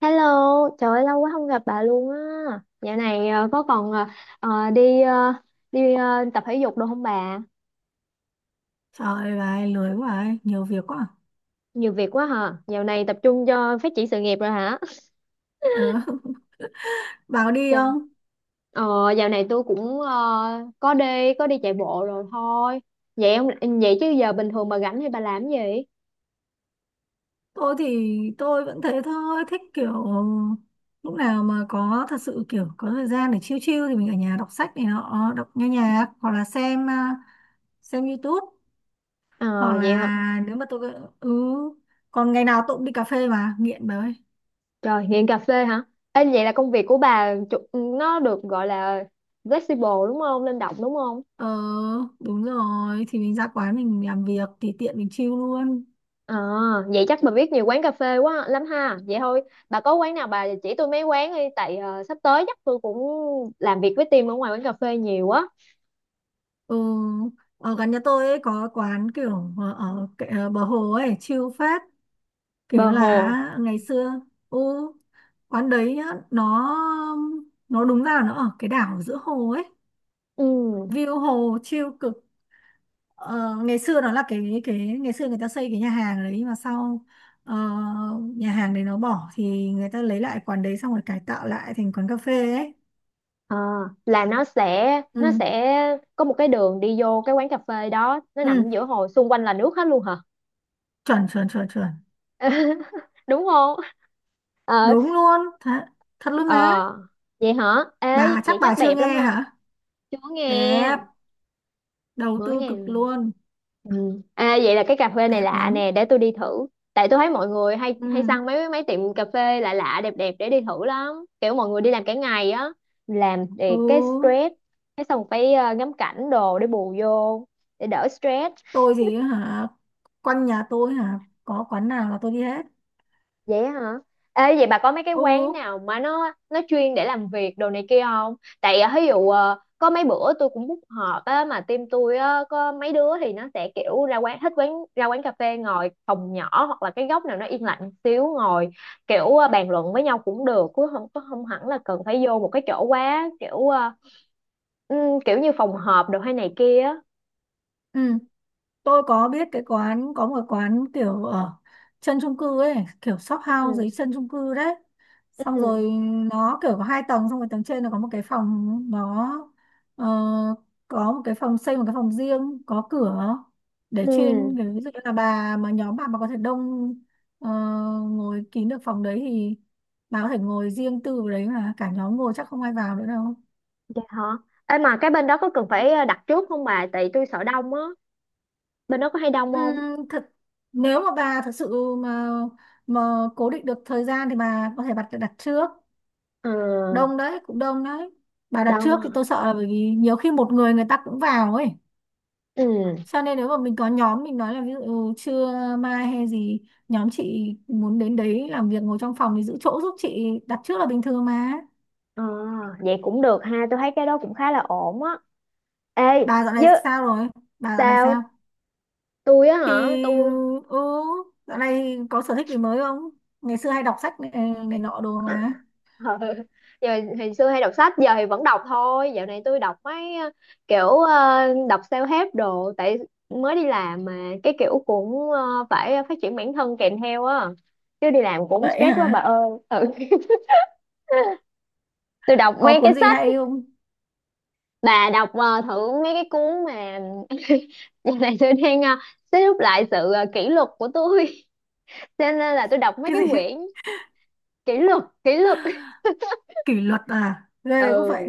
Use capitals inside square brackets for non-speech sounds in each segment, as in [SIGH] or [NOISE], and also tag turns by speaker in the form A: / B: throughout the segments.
A: Hello, trời ơi, lâu quá không gặp bà luôn á. Dạo này có còn đi đi ờ, tập thể dục đâu không bà?
B: Trời ơi, lười quá ấy, nhiều việc quá.
A: Nhiều việc quá hả? Dạo này tập trung cho phát triển sự nghiệp rồi hả?
B: Ờ, [LAUGHS] bảo đi
A: Dạ.
B: không?
A: Ờ, dạo này tôi cũng có đi chạy bộ rồi thôi. Vậy ông vậy chứ giờ bình thường bà rảnh thì bà làm cái gì?
B: Tôi thì tôi vẫn thế thôi, thích kiểu lúc nào mà có thật sự kiểu có thời gian để chill chill thì mình ở nhà đọc sách này nọ, đọc nghe nhạc hoặc là xem YouTube
A: Ờ,
B: hoặc là
A: vậy hả?
B: nếu mà tôi ừ còn ngày nào tôi cũng đi cà phê mà nghiện đấy.
A: Trời, nghiện cà phê hả? Ê, vậy là công việc của bà chủ- nó được gọi là flexible đúng không? Linh động đúng không?
B: Ờ, đúng rồi thì mình ra quán mình làm việc thì tiện mình chill luôn.
A: Ờ, vậy chắc bà biết nhiều quán cà phê quá lắm ha. Vậy thôi, bà có quán nào bà chỉ tôi mấy quán đi tại sắp tới chắc tôi cũng làm việc với team ở ngoài quán cà phê nhiều á.
B: Ừ, ở gần nhà tôi ấy có quán kiểu ở bờ hồ ấy chill phết, kiểu
A: Bờ
B: là
A: hồ.
B: ngày xưa ừ, quán đấy nhá, nó nó đúng ra là nó ở cái đảo giữa hồ ấy,
A: Ừ.
B: view hồ chill cực. Ờ, Ngày xưa nó là cái ngày xưa người ta xây cái nhà hàng đấy, mà sau ờ, nhà hàng đấy nó bỏ thì người ta lấy lại quán đấy xong rồi cải tạo lại thành quán cà phê ấy.
A: Ờ, là nó sẽ
B: Ừ,
A: nó sẽ có một cái đường đi vô cái quán cà phê đó, nó
B: ừ,
A: nằm giữa hồ, xung quanh là nước hết luôn hả?
B: chuẩn chuẩn chuẩn chuẩn.
A: [LAUGHS] Đúng không? Ờ,
B: Đúng luôn thật, thật luôn má.
A: ờ. Vậy hả? Ê,
B: Bà chắc
A: vậy
B: bà
A: chắc
B: chưa
A: đẹp lắm
B: nghe
A: ha.
B: hả?
A: Chưa nghe,
B: Đẹp, đầu
A: mới
B: tư
A: nghe.
B: cực luôn,
A: Ừ. À, vậy là cái cà phê này
B: đẹp
A: lạ
B: lắm.
A: nè để tôi đi thử tại tôi thấy mọi người hay
B: Ừ,
A: hay săn mấy mấy tiệm cà phê lạ lạ đẹp đẹp để đi thử lắm kiểu mọi người đi làm cả ngày á làm
B: ừ,
A: để cái stress cái xong phải ngắm cảnh đồ để bù vô để đỡ stress.
B: tôi thì hả, quanh nhà tôi hả, có quán nào là tôi đi hết.
A: Vậy hả? Ê, vậy bà có mấy cái
B: Ừ,
A: quán nào mà nó chuyên để làm việc đồ này kia không? Tại à, ví dụ có mấy bữa tôi cũng book họp á mà team tôi á có mấy đứa thì nó sẽ kiểu ra quán thích quán ra quán cà phê ngồi phòng nhỏ hoặc là cái góc nào nó yên lặng xíu ngồi kiểu bàn luận với nhau cũng được chứ không có không hẳn là cần phải vô một cái chỗ quá kiểu ừ, kiểu như phòng họp đồ hay này kia á.
B: ừ, tôi có biết cái quán, có một quán kiểu ở chân chung cư ấy, kiểu shop house
A: Ừ.
B: dưới chân chung cư đấy,
A: Ừ.
B: xong rồi nó kiểu có 2 tầng, xong rồi tầng trên nó có một cái phòng ờ, có một cái phòng, xây một cái phòng riêng có cửa để
A: Ừ.
B: chuyên kiểu ví dụ như là bà mà nhóm bà mà có thể đông, ờ, ngồi kín được phòng đấy thì bà có thể ngồi riêng tư vào đấy, mà cả nhóm ngồi chắc không ai vào nữa đâu.
A: Vậy hả? Ê mà cái bên đó có cần phải đặt trước không bà? Tại tôi sợ đông á. Bên đó có hay đông không?
B: Thật nếu mà bà thật sự mà cố định được thời gian thì bà có thể đặt đặt trước.
A: Ờ,
B: Đông đấy, cũng đông đấy, bà đặt
A: đông
B: trước thì
A: à.
B: tôi sợ là bởi vì nhiều khi một người, người ta cũng vào ấy,
A: Ừ.
B: cho nên nếu mà mình có nhóm mình nói là ví dụ trưa mai hay gì, nhóm chị muốn đến đấy làm việc ngồi trong phòng thì giữ chỗ giúp chị, đặt trước là bình thường mà.
A: Ờ, vậy cũng được ha, tôi thấy cái đó cũng khá là ổn á. Ê,
B: Bà dạo
A: chứ
B: này sao rồi? Bà dạo này sao
A: sao tôi á
B: thì
A: hả tôi
B: ừ dạo này có sở thích gì mới không? Ngày xưa hay đọc sách này, này nọ đồ mà.
A: [LAUGHS] Ờ, giờ hồi xưa hay đọc sách giờ thì vẫn đọc thôi dạo này tôi đọc mấy kiểu đọc self-help đồ tại mới đi làm mà cái kiểu cũng phải phát triển bản thân kèm theo á chứ đi làm cũng
B: Vậy
A: stress quá bà
B: hả?
A: ơi ừ. [LAUGHS] Tôi đọc
B: Có
A: mấy cái
B: cuốn gì
A: sách
B: hay không?
A: bà đọc thử mấy cái cuốn mà. [LAUGHS] Giờ này tôi đang xếp rút lại sự kỷ luật của tôi cho nên là tôi đọc mấy
B: Cái
A: cái
B: gì? [LAUGHS]
A: quyển kỷ luật kỷ luật.
B: Kỷ luật à, ghê, cũng
A: Ừ
B: vậy.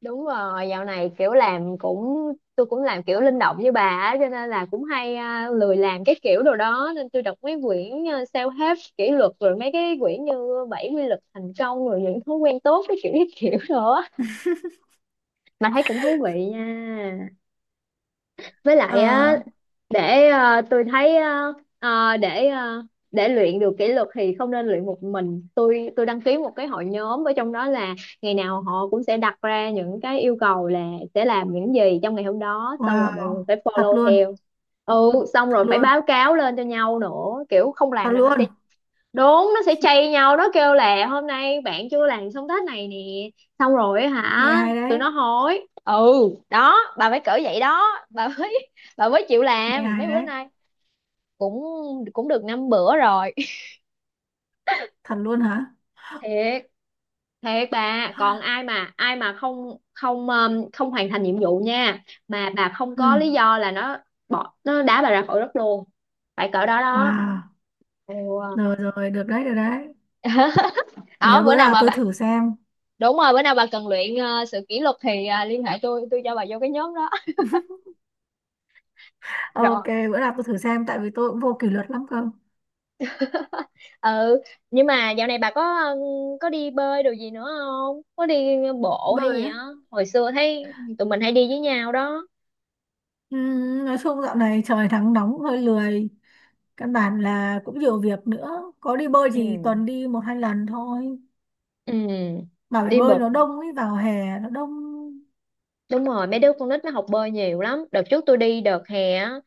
A: đúng rồi dạo này kiểu làm cũng tôi cũng làm kiểu linh động như bà á cho nên là cũng hay à, lười làm cái kiểu đồ đó nên tôi đọc mấy quyển self-help kỷ luật rồi mấy cái quyển như bảy quy luật thành công rồi những thói quen tốt cái kiểu đó mà thấy cũng thú vị nha với lại á
B: Ờ,
A: để tôi thấy để để luyện được kỷ luật thì không nên luyện một mình tôi đăng ký một cái hội nhóm ở trong đó là ngày nào họ cũng sẽ đặt ra những cái yêu cầu là sẽ làm những gì trong ngày hôm đó xong rồi mọi
B: wow,
A: người phải
B: thật
A: follow
B: luôn.
A: theo ừ xong
B: Thật
A: rồi phải
B: luôn.
A: báo cáo lên cho nhau nữa kiểu không
B: Thật
A: làm là nó
B: luôn.
A: sẽ đúng nó sẽ chây nhau nó kêu là hôm nay bạn chưa làm xong task này nè xong rồi á hả
B: Nghe hay
A: tụi
B: đấy.
A: nó hối ừ đó bà phải cỡ vậy đó bà mới [LAUGHS] bà mới chịu
B: Nghe
A: làm mấy
B: hay
A: bữa
B: đấy.
A: nay cũng cũng được 5 bữa rồi.
B: Thật luôn hả?
A: [LAUGHS] Thiệt thiệt bà còn
B: [GASPS]
A: ai mà không không không hoàn thành nhiệm vụ nha mà bà không
B: Ừ.
A: có lý do là nó bỏ nó đá bà ra khỏi đất luôn phải cỡ đó đó
B: Wow.
A: ừ.
B: Rồi rồi, được đấy, được đấy.
A: [LAUGHS]
B: Để
A: Đó bữa
B: bữa
A: nào
B: nào
A: mà
B: tôi
A: bà
B: thử xem.
A: đúng rồi bữa nào bà cần luyện sự kỷ luật thì liên hệ tôi cho bà vô cái nhóm đó. [LAUGHS]
B: [LAUGHS]
A: Rồi.
B: Ok, bữa nào tôi thử xem tại vì tôi cũng vô kỷ luật lắm cơ.
A: Ừ nhưng mà dạo này bà có có đi bơi đồ gì nữa không có đi bộ hay
B: Bơi
A: gì
B: á?
A: á hồi xưa thấy tụi mình hay đi với nhau đó.
B: Ừ, nói chung dạo này trời nắng nóng hơi lười, căn bản là cũng nhiều việc nữa, có đi bơi thì
A: Ừ.
B: tuần đi một hai lần thôi.
A: Ừ
B: Bà, bể
A: đi
B: bơi
A: bột
B: nó đông ấy, vào hè nó đông.
A: đúng rồi mấy đứa con nít nó học bơi nhiều lắm đợt trước tôi đi đợt hè á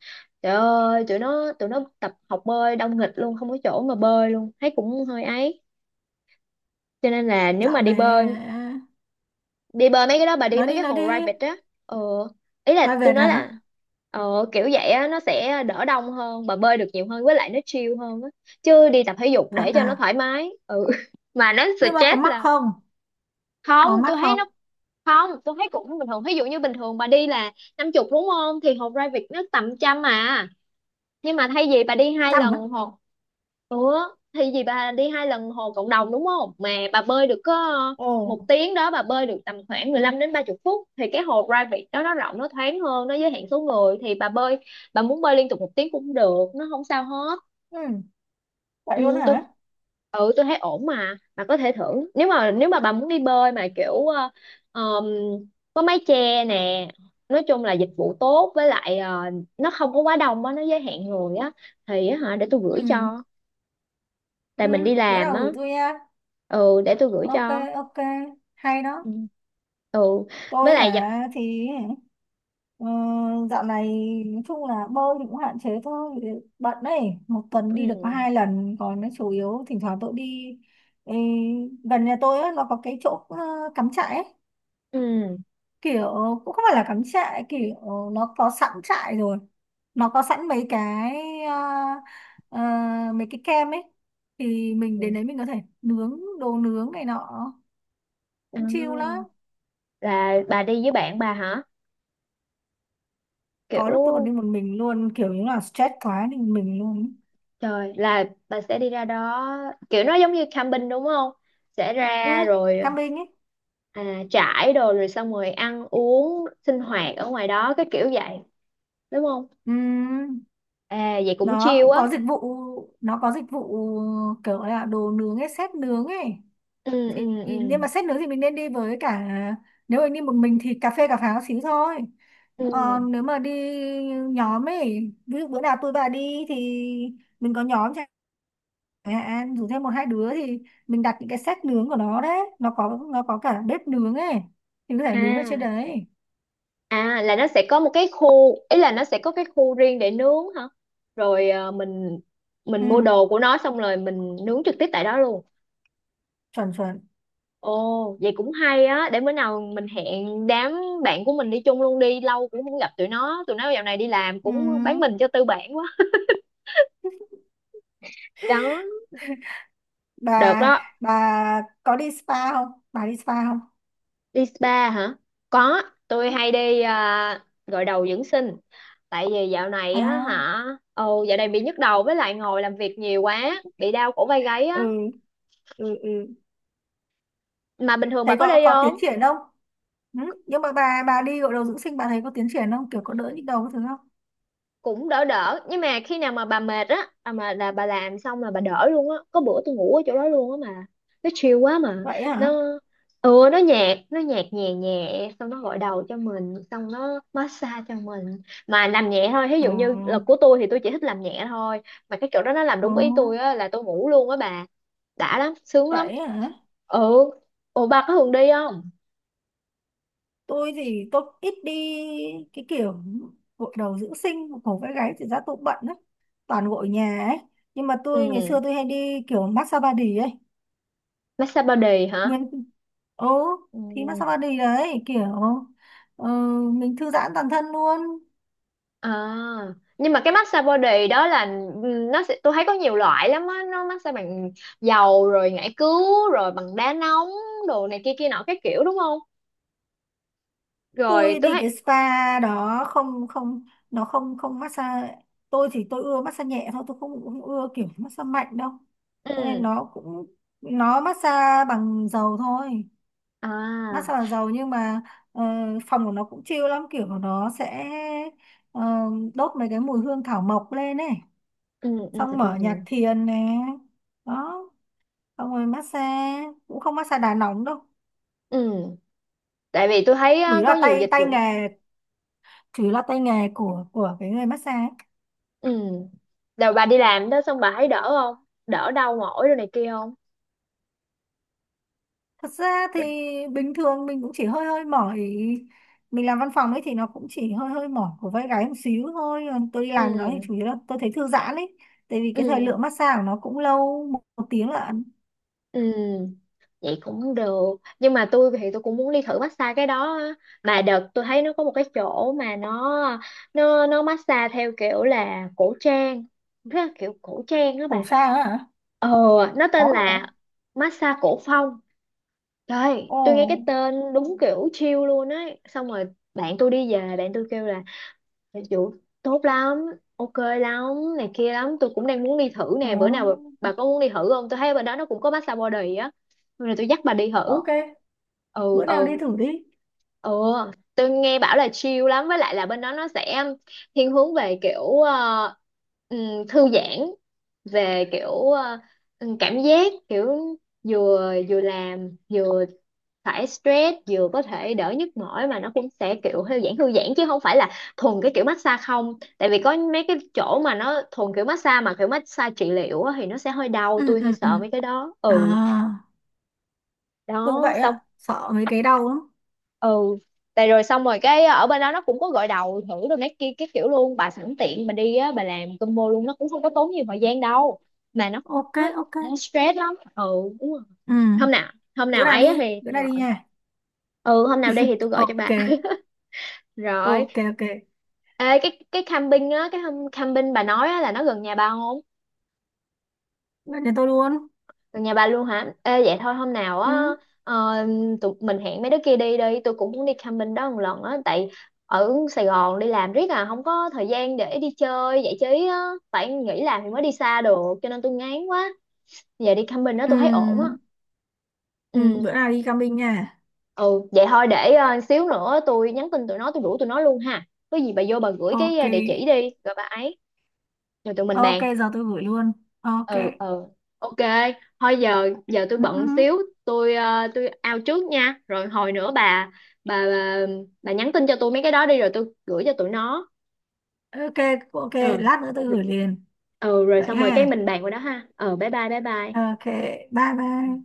A: trời ơi tụi nó tập học bơi đông nghịch luôn không có chỗ mà bơi luôn thấy cũng hơi ấy cho nên là nếu
B: Dạo
A: mà
B: này à,
A: đi bơi mấy cái đó bà đi mấy cái
B: nói đi,
A: hồ private á ờ ý là
B: vai
A: tôi
B: vẹt
A: nói
B: hả?
A: là ờ kiểu vậy á nó sẽ đỡ đông hơn bà bơi được nhiều hơn với lại nó chill hơn á chứ đi tập thể dục
B: Thật
A: để cho nó
B: à?
A: thoải mái ừ [LAUGHS] mà nó
B: Nhưng mà có
A: stress
B: mắc
A: là
B: không?
A: không
B: Có mắc
A: tôi thấy
B: không?
A: nó không tôi thấy cũng bình thường ví dụ như bình thường bà đi là 50 đúng không thì hồ private nó tầm 100 à nhưng mà thay vì bà đi hai
B: Chăm
A: lần
B: á.
A: hồ ủa thay vì bà đi hai lần hồ cộng đồng đúng không mà bà bơi được có
B: Ồ,
A: một tiếng đó bà bơi được tầm khoảng 15 đến 30 phút thì cái hồ private đó nó rộng nó thoáng hơn nó giới hạn số người thì bà bơi bà muốn bơi liên tục một tiếng cũng được nó không sao hết.
B: ừ, vậy
A: Ừ,
B: luôn
A: tôi
B: hả?
A: ừ tôi thấy ổn mà bà có thể thử nếu mà bà muốn đi bơi mà kiểu ờm, có mái che nè nói chung là dịch vụ tốt với lại nó không có quá đông á nó giới hạn người á thì á hả để tôi gửi
B: Ừ,
A: cho tại
B: ừ,
A: mình đi
B: bữa
A: làm
B: nào
A: á
B: gửi tôi nha.
A: ừ để tôi gửi
B: Ok,
A: cho
B: ok, hay
A: ừ
B: đó.
A: ừ với
B: Tôi
A: lại giờ
B: hả thì ờ, dạo này nói chung là bơi thì cũng hạn chế thôi, bận đấy, một tuần đi được có
A: ừ
B: 2 lần, còn nó chủ yếu thỉnh thoảng tôi đi. Ê, gần nhà tôi á, nó có cái chỗ cắm trại ấy,
A: ừ
B: kiểu cũng không phải là cắm trại, kiểu nó có sẵn trại rồi, nó có sẵn mấy cái ờ, ờ, mấy cái kem ấy, thì mình đến
A: ừ.
B: đấy mình có thể nướng đồ nướng này nọ cũng chill lắm.
A: À, là bà đi với bạn bà hả
B: Có
A: kiểu.
B: lúc tôi còn đi một mình luôn, kiểu như là stress quá đi một mình luôn.
A: Trời, là bà sẽ đi ra đó kiểu nó giống như camping đúng không? Sẽ ra
B: Ừ,
A: rồi
B: camping ấy.
A: à, trải đồ rồi xong rồi ăn uống sinh hoạt ở ngoài đó cái kiểu vậy đúng không?
B: Ừ,
A: À vậy cũng
B: nó
A: chill
B: cũng
A: á.
B: có dịch vụ, nó có dịch vụ kiểu là đồ nướng ấy, set nướng ấy,
A: Ừ ừ ừ.
B: nhưng mà sách nướng thì mình nên đi với cả, nếu mình đi một mình thì cà phê cà pháo xíu thôi,
A: Ừ.
B: còn nếu mà đi nhóm ấy, ví dụ bữa nào tôi và đi thì mình có nhóm chẳng hạn rủ thêm một hai đứa thì mình đặt những cái set nướng của nó đấy, nó có cả bếp nướng ấy thì có thể nướng ở trên
A: À,
B: đấy.
A: à là nó sẽ có một cái khu ý là nó sẽ có cái khu riêng để nướng hả? Rồi à, mình mua
B: Ừ,
A: đồ của nó xong rồi mình nướng trực tiếp tại đó luôn.
B: chuẩn chuẩn.
A: Ồ, vậy cũng hay á, để bữa nào mình hẹn đám bạn của mình đi chung luôn đi, lâu cũng không gặp tụi nó dạo này đi làm
B: Ừ.
A: cũng bán mình cho tư bản quá. Đó, được
B: bà
A: đó,
B: bà có đi spa không, bà đi spa không?
A: đi spa hả? Có, tôi
B: Ừ.
A: hay đi à, gội đầu dưỡng sinh, tại vì dạo này á
B: À.
A: hả, ồ dạo này bị nhức đầu với lại ngồi làm việc nhiều quá, bị đau cổ vai gáy
B: Ừ,
A: á.
B: ừ, ừ.
A: Mà bình thường bà
B: Thấy
A: có
B: có
A: đi
B: có
A: không?
B: tiến triển không? Ừ? Nhưng mà bà đi gội đầu dưỡng sinh bà thấy có tiến triển không, kiểu có đỡ nhức đầu cái thứ không?
A: Cũng đỡ đỡ nhưng mà khi nào mà bà mệt á à mà là bà làm xong là bà đỡ luôn á có bữa tôi ngủ ở chỗ đó luôn á mà nó chill quá mà
B: Vậy hả?
A: nó ừ nó nhạt nhẹ nhẹ xong nó gội đầu cho mình xong nó massage cho mình mà làm nhẹ thôi ví
B: ờ,
A: dụ như là của tôi thì tôi chỉ thích làm nhẹ thôi mà cái chỗ đó nó làm
B: ờ,
A: đúng ý tôi á là tôi ngủ luôn á bà đã lắm sướng lắm
B: Vậy hả?
A: ừ ủa bà có thường đi không
B: Tôi thì tôi ít đi cái kiểu gội đầu dưỡng sinh cổ vai gáy thì ra, tôi cũng bận đấy, toàn gội nhà ấy, nhưng mà
A: ừ
B: tôi ngày xưa tôi hay đi kiểu massage body ấy,
A: massage body hả
B: nguyên ố
A: ừ.
B: thì massage body đấy kiểu ờ, mình thư giãn toàn thân luôn.
A: À, nhưng mà cái massage body đó là nó sẽ tôi thấy có nhiều loại lắm á, nó massage bằng dầu rồi ngải cứu rồi bằng đá nóng đồ này kia kia nọ cái kiểu đúng không? Rồi
B: Tôi
A: tôi
B: đi
A: thấy
B: cái spa đó không không, nó không không massage. Tôi thì tôi ưa massage nhẹ thôi, tôi không ưa kiểu massage mạnh đâu, cho nên
A: ừ
B: nó cũng nó massage bằng dầu thôi.
A: à
B: Massage bằng dầu, nhưng mà ờ, phòng của nó cũng chill lắm, kiểu của nó sẽ ờ, đốt mấy cái mùi hương thảo mộc lên này,
A: ừ ừ
B: xong
A: ừ
B: mở nhạc thiền nè, đó, xong rồi massage cũng không massage đá nóng đâu.
A: ừ tại vì tôi thấy
B: chủ
A: á,
B: yếu là
A: có nhiều
B: tay
A: dịch
B: tay
A: vụ ra.
B: nghề Chủ yếu là tay nghề của cái người massage ấy.
A: Ừ. Rồi bà đi làm đó xong bà thấy đỡ không? Đỡ đau mỏi đồ này kia không?
B: Thật ra thì
A: Để-
B: bình thường mình cũng chỉ hơi hơi mỏi, mình làm văn phòng ấy thì nó cũng chỉ hơi hơi mỏi của vai gáy một xíu thôi, còn tôi đi làm đó thì
A: Ừ
B: chủ yếu là tôi thấy thư giãn ấy, tại vì cái thời
A: ừ
B: lượng massage của nó cũng lâu, một tiếng là.
A: Ừ, vậy cũng được. Nhưng mà tôi thì tôi cũng muốn đi thử massage cái đó á. Mà đợt tôi thấy nó có một cái chỗ mà nó massage theo kiểu là cổ trang, rất là kiểu cổ trang đó
B: Khổ
A: bà.
B: xa á hả?
A: Ờ, nó tên
B: Có luôn hả?
A: là massage cổ phong. Trời,
B: Ồ.
A: tôi nghe cái tên đúng kiểu chill luôn ấy. Xong rồi bạn tôi đi về, bạn tôi kêu là Dạ chủ tốt lắm, ok lắm, này kia lắm, tôi cũng đang muốn đi thử
B: ờ,
A: nè, bữa nào bà có muốn đi thử không? Tôi thấy bên đó nó cũng có massage body á, rồi tôi dắt bà đi thử.
B: ok,
A: Ừ
B: bữa nào đi
A: ừ.
B: thử đi.
A: Ừ, tôi nghe bảo là chill lắm với lại là bên đó nó sẽ thiên hướng về kiểu thư giãn về kiểu cảm giác kiểu vừa vừa làm vừa thải stress vừa có thể đỡ nhức mỏi mà nó cũng sẽ kiểu thư giãn chứ không phải là thuần cái kiểu massage không tại vì có mấy cái chỗ mà nó thuần kiểu massage mà kiểu massage trị liệu á, thì nó sẽ hơi đau
B: Ừ,
A: tôi hơi
B: ừ, ừ.
A: sợ mấy cái đó
B: À,
A: ừ
B: tôi cũng
A: đó
B: vậy
A: xong
B: ạ, sợ mấy cái đau lắm.
A: ừ tại rồi xong rồi cái ở bên đó nó cũng có gội đầu thử đồ này kia cái kiểu luôn bà sẵn tiện bà đi á bà làm combo luôn nó cũng không có tốn nhiều thời gian đâu mà nó
B: Ok,
A: nó,
B: ok.
A: nó stress lắm ừ đúng rồi
B: Ừ,
A: hôm nào hôm
B: bữa
A: nào
B: nào
A: ấy á
B: đi,
A: thì
B: bữa
A: tôi
B: nào đi
A: gọi
B: nha.
A: ừ hôm nào đi thì tôi gọi cho
B: Ok,
A: bà [LAUGHS] rồi.
B: ok. Ok,
A: Ê, cái camping á cái hôm camping bà nói á, là nó gần nhà bà không?
B: bạn nhà tôi luôn.
A: Từ nhà bà luôn hả? Ê vậy thôi hôm nào
B: Ừ.
A: á ờ, tụi mình hẹn mấy đứa kia đi đi, tôi cũng muốn đi camping đó một lần á tại ở Sài Gòn đi làm riết à không có thời gian để đi chơi giải trí á, phải nghỉ làm thì mới đi xa được cho nên tôi ngán quá. Giờ đi camping đó tôi thấy ổn á.
B: Ừ, ừ,
A: Ừ,
B: bữa nào đi camping nha.
A: ừ vậy thôi để xíu nữa tôi nhắn tin tụi nó tôi rủ tụi nó luôn ha. Có gì bà vô bà gửi cái
B: Ok,
A: địa chỉ đi rồi bà ấy rồi tụi mình
B: ok,
A: bàn.
B: giờ tôi gửi luôn. Ok,
A: Ừ ừ ok thôi giờ giờ tôi
B: ừ, ừ.
A: bận xíu tôi tôi out trước nha rồi hồi nữa bà bà bà, bà nhắn tin cho tôi mấy cái đó đi rồi tôi gửi cho tụi nó
B: Ok, ok,
A: ừ
B: lát nữa tôi gửi liền.
A: ừ rồi
B: Vậy
A: xong rồi cái
B: ha.
A: mình bàn qua đó ha ừ bye bye bye bye.
B: Ok, bye bye.